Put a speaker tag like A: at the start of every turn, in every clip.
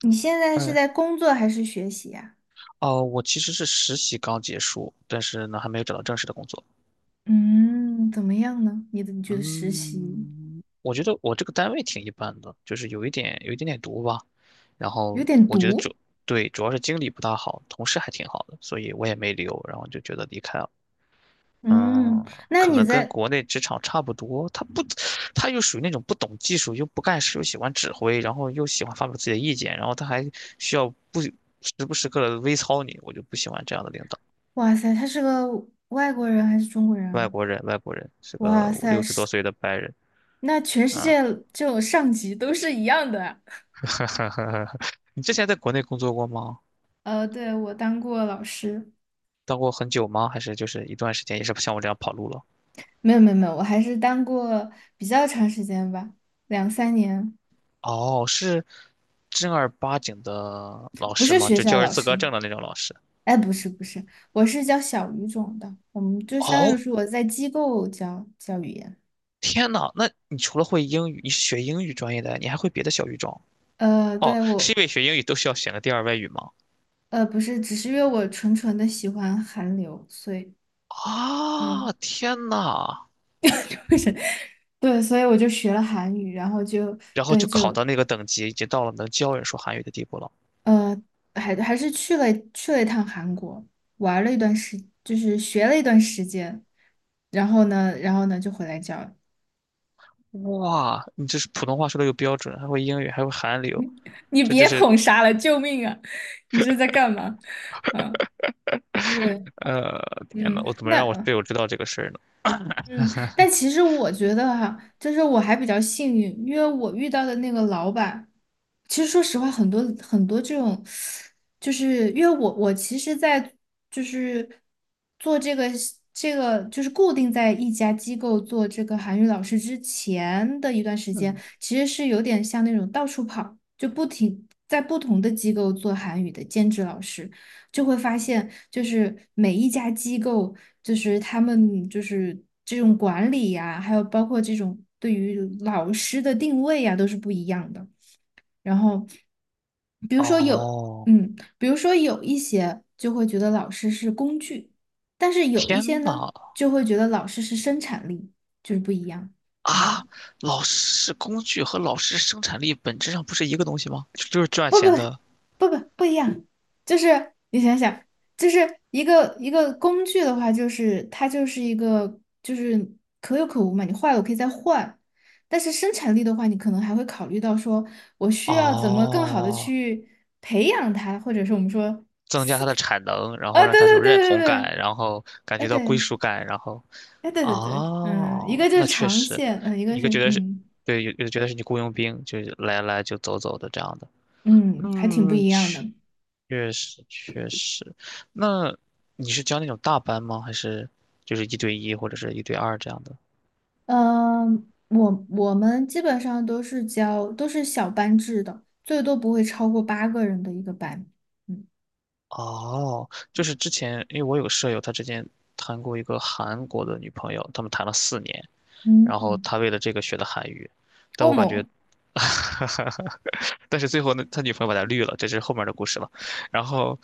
A: 你现在是
B: 嗯，
A: 在工作还是学习呀？
B: 哦，我其实是实习刚结束，但是呢，还没有找到正式的工作。
A: 嗯，怎么样呢？你觉得实习
B: 嗯，我觉得我这个单位挺一般的，就是有一点点毒吧。然
A: 有
B: 后
A: 点
B: 我觉得
A: 毒？
B: 。对，主要是经理不大好，同事还挺好的，所以我也没留，然后就觉得离开了。
A: 嗯，
B: 嗯，
A: 那
B: 可
A: 你
B: 能跟
A: 在，
B: 国内职场差不多，他不，他又属于那种不懂技术，又不干事，又喜欢指挥，然后又喜欢发表自己的意见，然后他还需要不时刻的微操你，我就不喜欢这样的领导。
A: 哇塞，他是个外国人还是中国人
B: 外
A: 啊？
B: 国人，外国人是个
A: 哇
B: 五
A: 塞，
B: 六十
A: 是，
B: 多岁的白人
A: 那全世
B: 啊。
A: 界这种上级都是一样的啊
B: 你之前在国内工作过吗？
A: 呃，对，我当过老师，
B: 当过很久吗？还是就是一段时间，也是像我这样跑路了？
A: 没有，我还是当过比较长时间吧，两三年，
B: 哦，是正儿八经的老
A: 不
B: 师
A: 是
B: 吗？
A: 学
B: 就
A: 校
B: 教师
A: 老
B: 资格
A: 师。
B: 证的那种老师？
A: 哎，不是，我是教小语种的，我们就相当
B: 哦，
A: 于是我在机构教语言。
B: 天呐，那你除了会英语，你是学英语专业的，你还会别的小语种？
A: 呃，
B: 哦，
A: 对，
B: 是
A: 我
B: 因为学英语都需要选个第二外语吗？
A: 呃不是，只是因为我纯纯的喜欢韩流，所以
B: 啊，
A: 嗯，
B: 天呐，
A: 对，所以我就学了韩语，然后就
B: 然后
A: 对
B: 就考
A: 就
B: 到那个等级，已经到了能教人说韩语的地步了。
A: 呃还还是去了去了一趟韩国，玩了一段时，就是学了一段时间，然后呢，然后呢就回来教了
B: 哇，你这是普通话说的又标准，还会英语，还会韩流，
A: 你
B: 这这
A: 别
B: 是
A: 捧杀了，救命啊！你这是在干嘛？嗯。对，
B: 呃，天呐，
A: 嗯，
B: 我怎么
A: 那
B: 让我队友知道这个事儿呢？
A: 嗯，但其实我觉得哈、就是我还比较幸运，因为我遇到的那个老板，其实说实话，很多很多这种，就是因为我其实在就是做这个就是固定在一家机构做这个韩语老师之前的一段时间，
B: 嗯，
A: 其实是有点像那种到处跑，就不停在不同的机构做韩语的兼职老师。就会发现，就是每一家机构，就是他们就是这种管理呀，还有包括这种对于老师的定位呀，都是不一样的。然后，比如说有，
B: 哦，
A: 嗯，比如说有一些就会觉得老师是工具，但是有一
B: 天
A: 些呢，
B: 呐，
A: 就会觉得老师是生产力，就是不一样。嗯。
B: 啊，老师工具和老师生产力本质上不是一个东西吗？就是赚
A: 不不
B: 钱的。
A: 不不不不一样，就是你想想，就是一个工具的话，就是它就是一个就是可有可无嘛，你坏了我可以再换，但是生产力的话，你可能还会考虑到说我需要怎么更好的
B: 哦，
A: 去培养它，或者是我们说，
B: 增加他的产能，然后
A: 啊、对，
B: 让他有
A: 对
B: 认
A: 对
B: 同
A: 对对，
B: 感，然后感
A: 哎
B: 觉到归
A: 对，
B: 属感，然后，
A: 哎对，嗯，一个
B: 哦，
A: 就是
B: 那确
A: 长
B: 实，
A: 线，嗯，一个
B: 一
A: 是
B: 个觉得是，
A: 嗯
B: 对，有的觉得是你雇佣兵，就是来来就走走的这样的。
A: 嗯，还挺不
B: 嗯，
A: 一样
B: 确
A: 的。
B: 确实确实。那你是教那种大班吗？还是就是一对一或者是一对二这样的？
A: 嗯，我们基本上都是小班制的，最多不会超过八个人的一个班。嗯
B: 哦，就是之前因为我有个舍友，他之前谈过一个韩国的女朋友，他们谈了4年，然后
A: 嗯，
B: 他为了这个学的韩语，但
A: 欧
B: 我感觉，
A: 盟，
B: 但是最后呢，他女朋友把他绿了，这是后面的故事了。然后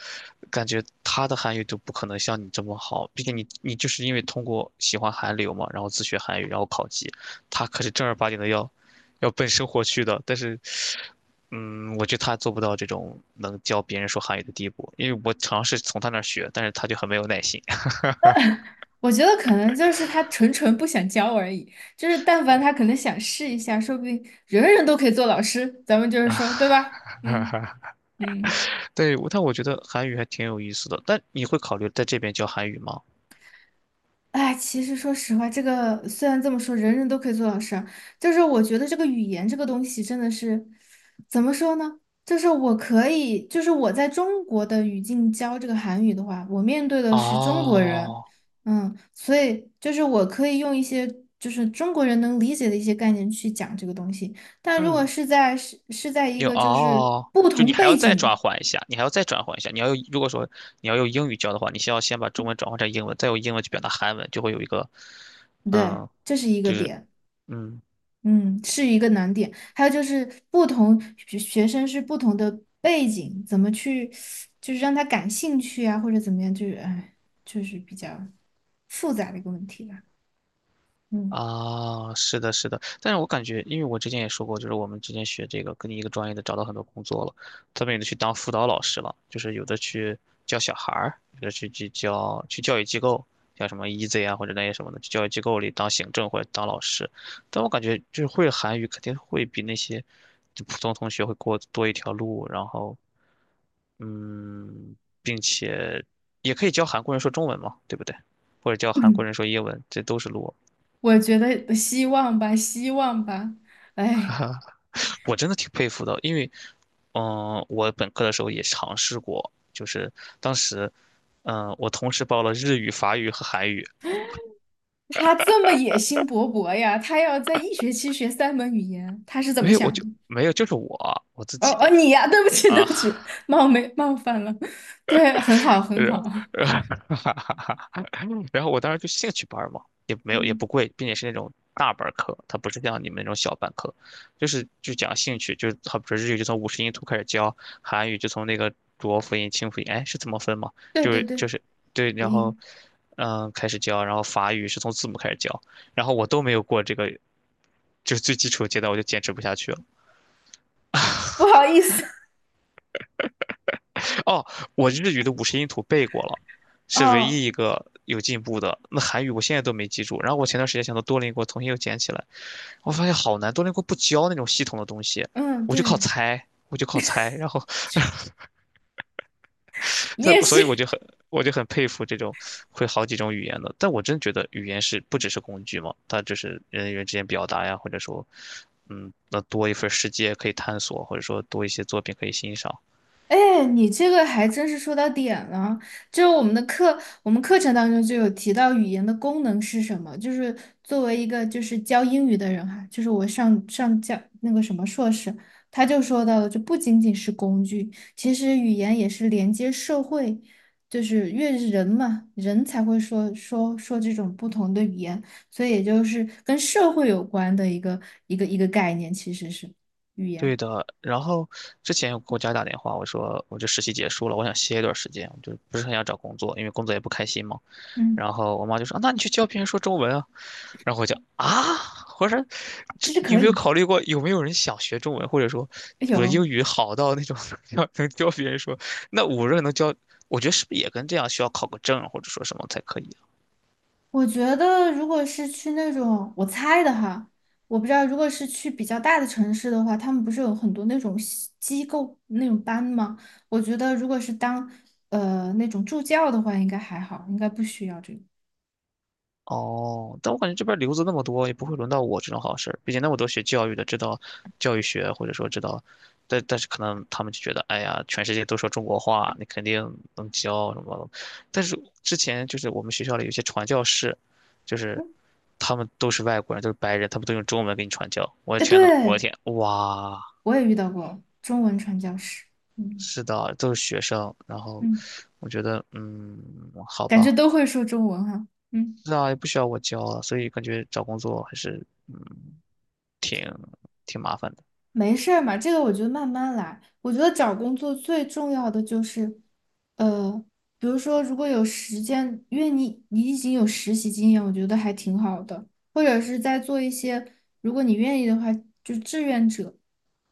B: 感觉他的韩语就不可能像你这么好，毕竟你就是因为通过喜欢韩流嘛，然后自学韩语，然后考级，他可是正儿八经的要奔生活去的。但是，嗯，我觉得他做不到这种能教别人说韩语的地步，因为我尝试从他那儿学，但是他就很没有耐心。
A: 我觉得可能就是他纯纯不想教而已，就是但凡他可能想试一下，说不定人人都可以做老师，咱们就是说，对吧？嗯 嗯。
B: 对，但我觉得韩语还挺有意思的。但你会考虑在这边教韩语吗？
A: 哎，其实说实话，这个虽然这么说，人人都可以做老师啊，就是我觉得这个语言这个东西真的是，怎么说呢？就是我可以，就是我在中国的语境教这个韩语的话，我面对的是中国人，
B: 哦，
A: 嗯，所以就是我可以用一些就是中国人能理解的一些概念去讲这个东西，但如果
B: 嗯，
A: 是在在一
B: 有
A: 个就是
B: 哦，
A: 不
B: 就
A: 同
B: 你还要
A: 背
B: 再转
A: 景，
B: 换一下，你还要再转换一下。你要用，如果说你要用英语教的话，你先要先把中文转换成英文，再用英文去表达韩文，就会有一个，
A: 对，
B: 嗯，
A: 这是一个
B: 就是
A: 点。
B: 嗯，
A: 嗯，是一个难点。还有就是不同学生是不同的背景，怎么去就是让他感兴趣啊，或者怎么样，就是哎，就是比较复杂的一个问题吧。嗯，
B: 啊，是的，是的，但是我感觉，因为我之前也说过，就是我们之前学这个，跟你一个专业的找到很多工作了，他们有的去当辅导老师了，就是有的去教小孩儿，有的去教育机构，像什么 EASY 啊或者那些什么的，去教育机构里当行政或者当老师。但我感觉就是会韩语肯定会比那些就普通同学会过多一条路，然后嗯，并且也可以教韩国人说中文嘛，对不对？或者教韩国人 说英文，这都是路。
A: 我觉得希望吧，希望吧。哎，
B: 我真的挺佩服的，因为，我本科的时候也尝试过，就是当时，我同时报了日语、法语和韩语，
A: 他这么野心勃勃呀，他要在一学期学三门语言，他是怎么
B: 没有，我
A: 想
B: 就
A: 的？
B: 没有，就是我自
A: 哦
B: 己
A: 哦，你呀，对不起，对
B: 啊，
A: 不起，冒昧冒犯了。对，很好，很
B: 然
A: 好。
B: 后 然后我当时就兴趣班儿嘛，也没有也
A: 嗯，
B: 不贵，并且是那种大班儿课，它不是像你们那种小班课，就讲兴趣，就是好比说日语就从五十音图开始教，韩语就从那个浊辅音、清辅音，哎，是怎么分嘛？
A: 对
B: 就
A: 对
B: 是就
A: 对，
B: 是对，
A: 不
B: 然后
A: 应。
B: 开始教，然后法语是从字母开始教，然后我都没有过这个，就是最基础的阶段，我就坚持不下去了。
A: 不好意思，
B: 哦，我日语的五十音图背过了，是唯
A: 哦，
B: 一一个有进步的。那韩语我现在都没记住。然后我前段时间想到多邻国重新又捡起来，我发现好难，多邻国不教那种系统的东西，
A: 嗯，
B: 我就靠
A: 对，
B: 猜，我就靠猜。然后，
A: 你
B: 对，
A: 也
B: 所
A: 是，
B: 以我就很佩服这种会好几种语言的。但我真觉得语言是不只是工具嘛，它就是人与人之间表达呀，或者说，那多一份世界可以探索，或者说多一些作品可以欣赏。
A: 哎，你这个还真是说到点了。就是我们的课，我们课程当中就有提到语言的功能是什么。就是作为一个就是教英语的人哈，就是我上教那个什么硕士，他就说到了，就不仅仅是工具，其实语言也是连接社会，就是越是人嘛，人才会说这种不同的语言，所以也就是跟社会有关的一个一个概念，其实是语言。
B: 对的，然后之前有给我家打电话，我说我这实习结束了，我想歇一段时间，我就不是很想找工作，因为工作也不开心嘛。
A: 嗯，
B: 然后我妈就说："啊那你去教别人说中文啊。"然后我就啊，我说这
A: 其实
B: 你有
A: 可
B: 没有
A: 以。
B: 考虑过有没有人想学中文，或者说我的
A: 有。
B: 英语好到那种 要能教别人说？那我这能教，我觉得是不是也跟这样需要考个证或者说什么才可以？
A: 我觉得，如果是去那种我猜的哈，我不知道，如果是去比较大的城市的话，他们不是有很多那种西机构那种班吗？我觉得，如果是当呃那种助教的话，应该还好，应该不需要这个。
B: 哦，但我感觉这边留子那么多，也不会轮到我这种好事儿。毕竟那么多学教育的，知道教育学，或者说知道，但是可能他们就觉得，哎呀，全世界都说中国话，你肯定能教什么。但是之前就是我们学校里有些传教士，就是
A: 嗯，
B: 他们都是外国人，都是白人，他们都用中文给你传教。我的
A: 哎，
B: 天呐，我的
A: 对，
B: 天，哇，
A: 我也遇到过中文传教士，嗯
B: 是的，都是学生。然后
A: 嗯，
B: 我觉得，好
A: 感觉
B: 吧。
A: 都会说中文哈。嗯。
B: 是啊，也不需要我教啊，所以感觉找工作还是挺挺麻烦的。
A: 没事儿嘛，这个我觉得慢慢来。我觉得找工作最重要的就是，呃，比如说如果有时间，因为你已经有实习经验，我觉得还挺好的。或者是在做一些，如果你愿意的话，就志愿者，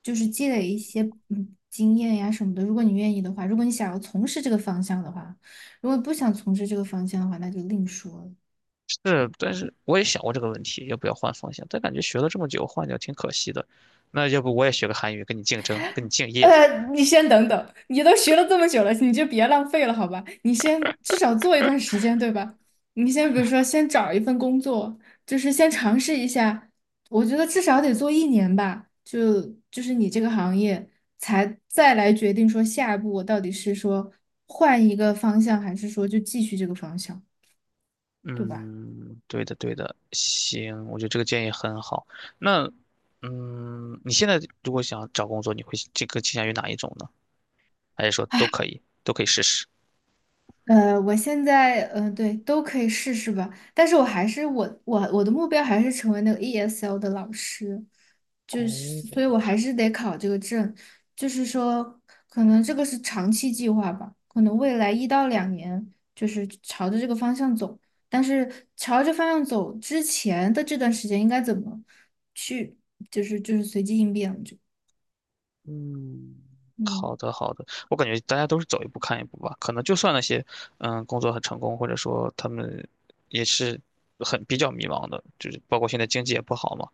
A: 就是积累一些嗯经验呀什么的。如果你愿意的话，如果你想要从事这个方向的话，如果不想从事这个方向的话，那就另说了。
B: 是，但是我也想过这个问题，要不要换方向？但感觉学了这么久，换掉挺可惜的。那要不我也学个韩语，跟你竞争，跟你敬业。
A: 呃，你先等等，你都学了这么久了，你就别浪费了，好吧？你先至少做一段时间，对吧？你先比如说，先找一份工作，就是先尝试一下。我觉得至少得做一年吧，就就是你这个行业，才再来决定说下一步我到底是说换一个方向，还是说就继续这个方向，对吧？
B: 嗯，对的，对的，行，我觉得这个建议很好。那，你现在如果想找工作，你会这个倾向于哪一种呢？还是说都可以，都可以试试？
A: 呃，我现在嗯、呃对，都可以试试吧。但是我还是我的目标还是成为那个 ESL 的老师，就是，所
B: 哦，
A: 以我还是得考这个证。就是说，可能这个是长期计划吧，可能未来一到两年就是朝着这个方向走。但是朝着方向走之前的这段时间应该怎么去，就是随机应变，就
B: 嗯，好
A: 嗯，
B: 的好的，我感觉大家都是走一步看一步吧。可能就算那些，工作很成功，或者说他们也是很比较迷茫的，就是包括现在经济也不好嘛。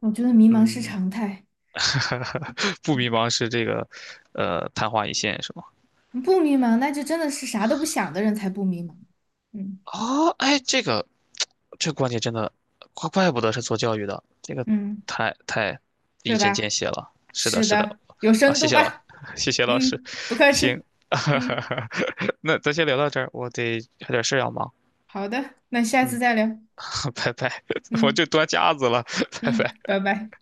A: 我觉得迷茫是
B: 嗯，
A: 常态。
B: 不迷茫是这个，昙花一现是吗？
A: 不迷茫，那就真的是啥都不想的人才不迷茫。嗯
B: 哦，哎，这个观点真的，怪不得是做教育的，这个
A: 嗯，
B: 太一
A: 对
B: 针见
A: 吧？
B: 血了。是的，
A: 是
B: 是的，
A: 的，有
B: 好，
A: 深
B: 谢
A: 度
B: 谢老，
A: 吧？
B: 谢谢老师，
A: 嗯，不客
B: 行，
A: 气。嗯，
B: 那咱先聊到这儿，我得还有点事儿要忙，
A: 好的，那下次
B: 嗯，
A: 再聊。
B: 拜拜，我
A: 嗯
B: 就端架子了，拜
A: 嗯，
B: 拜。
A: 拜拜。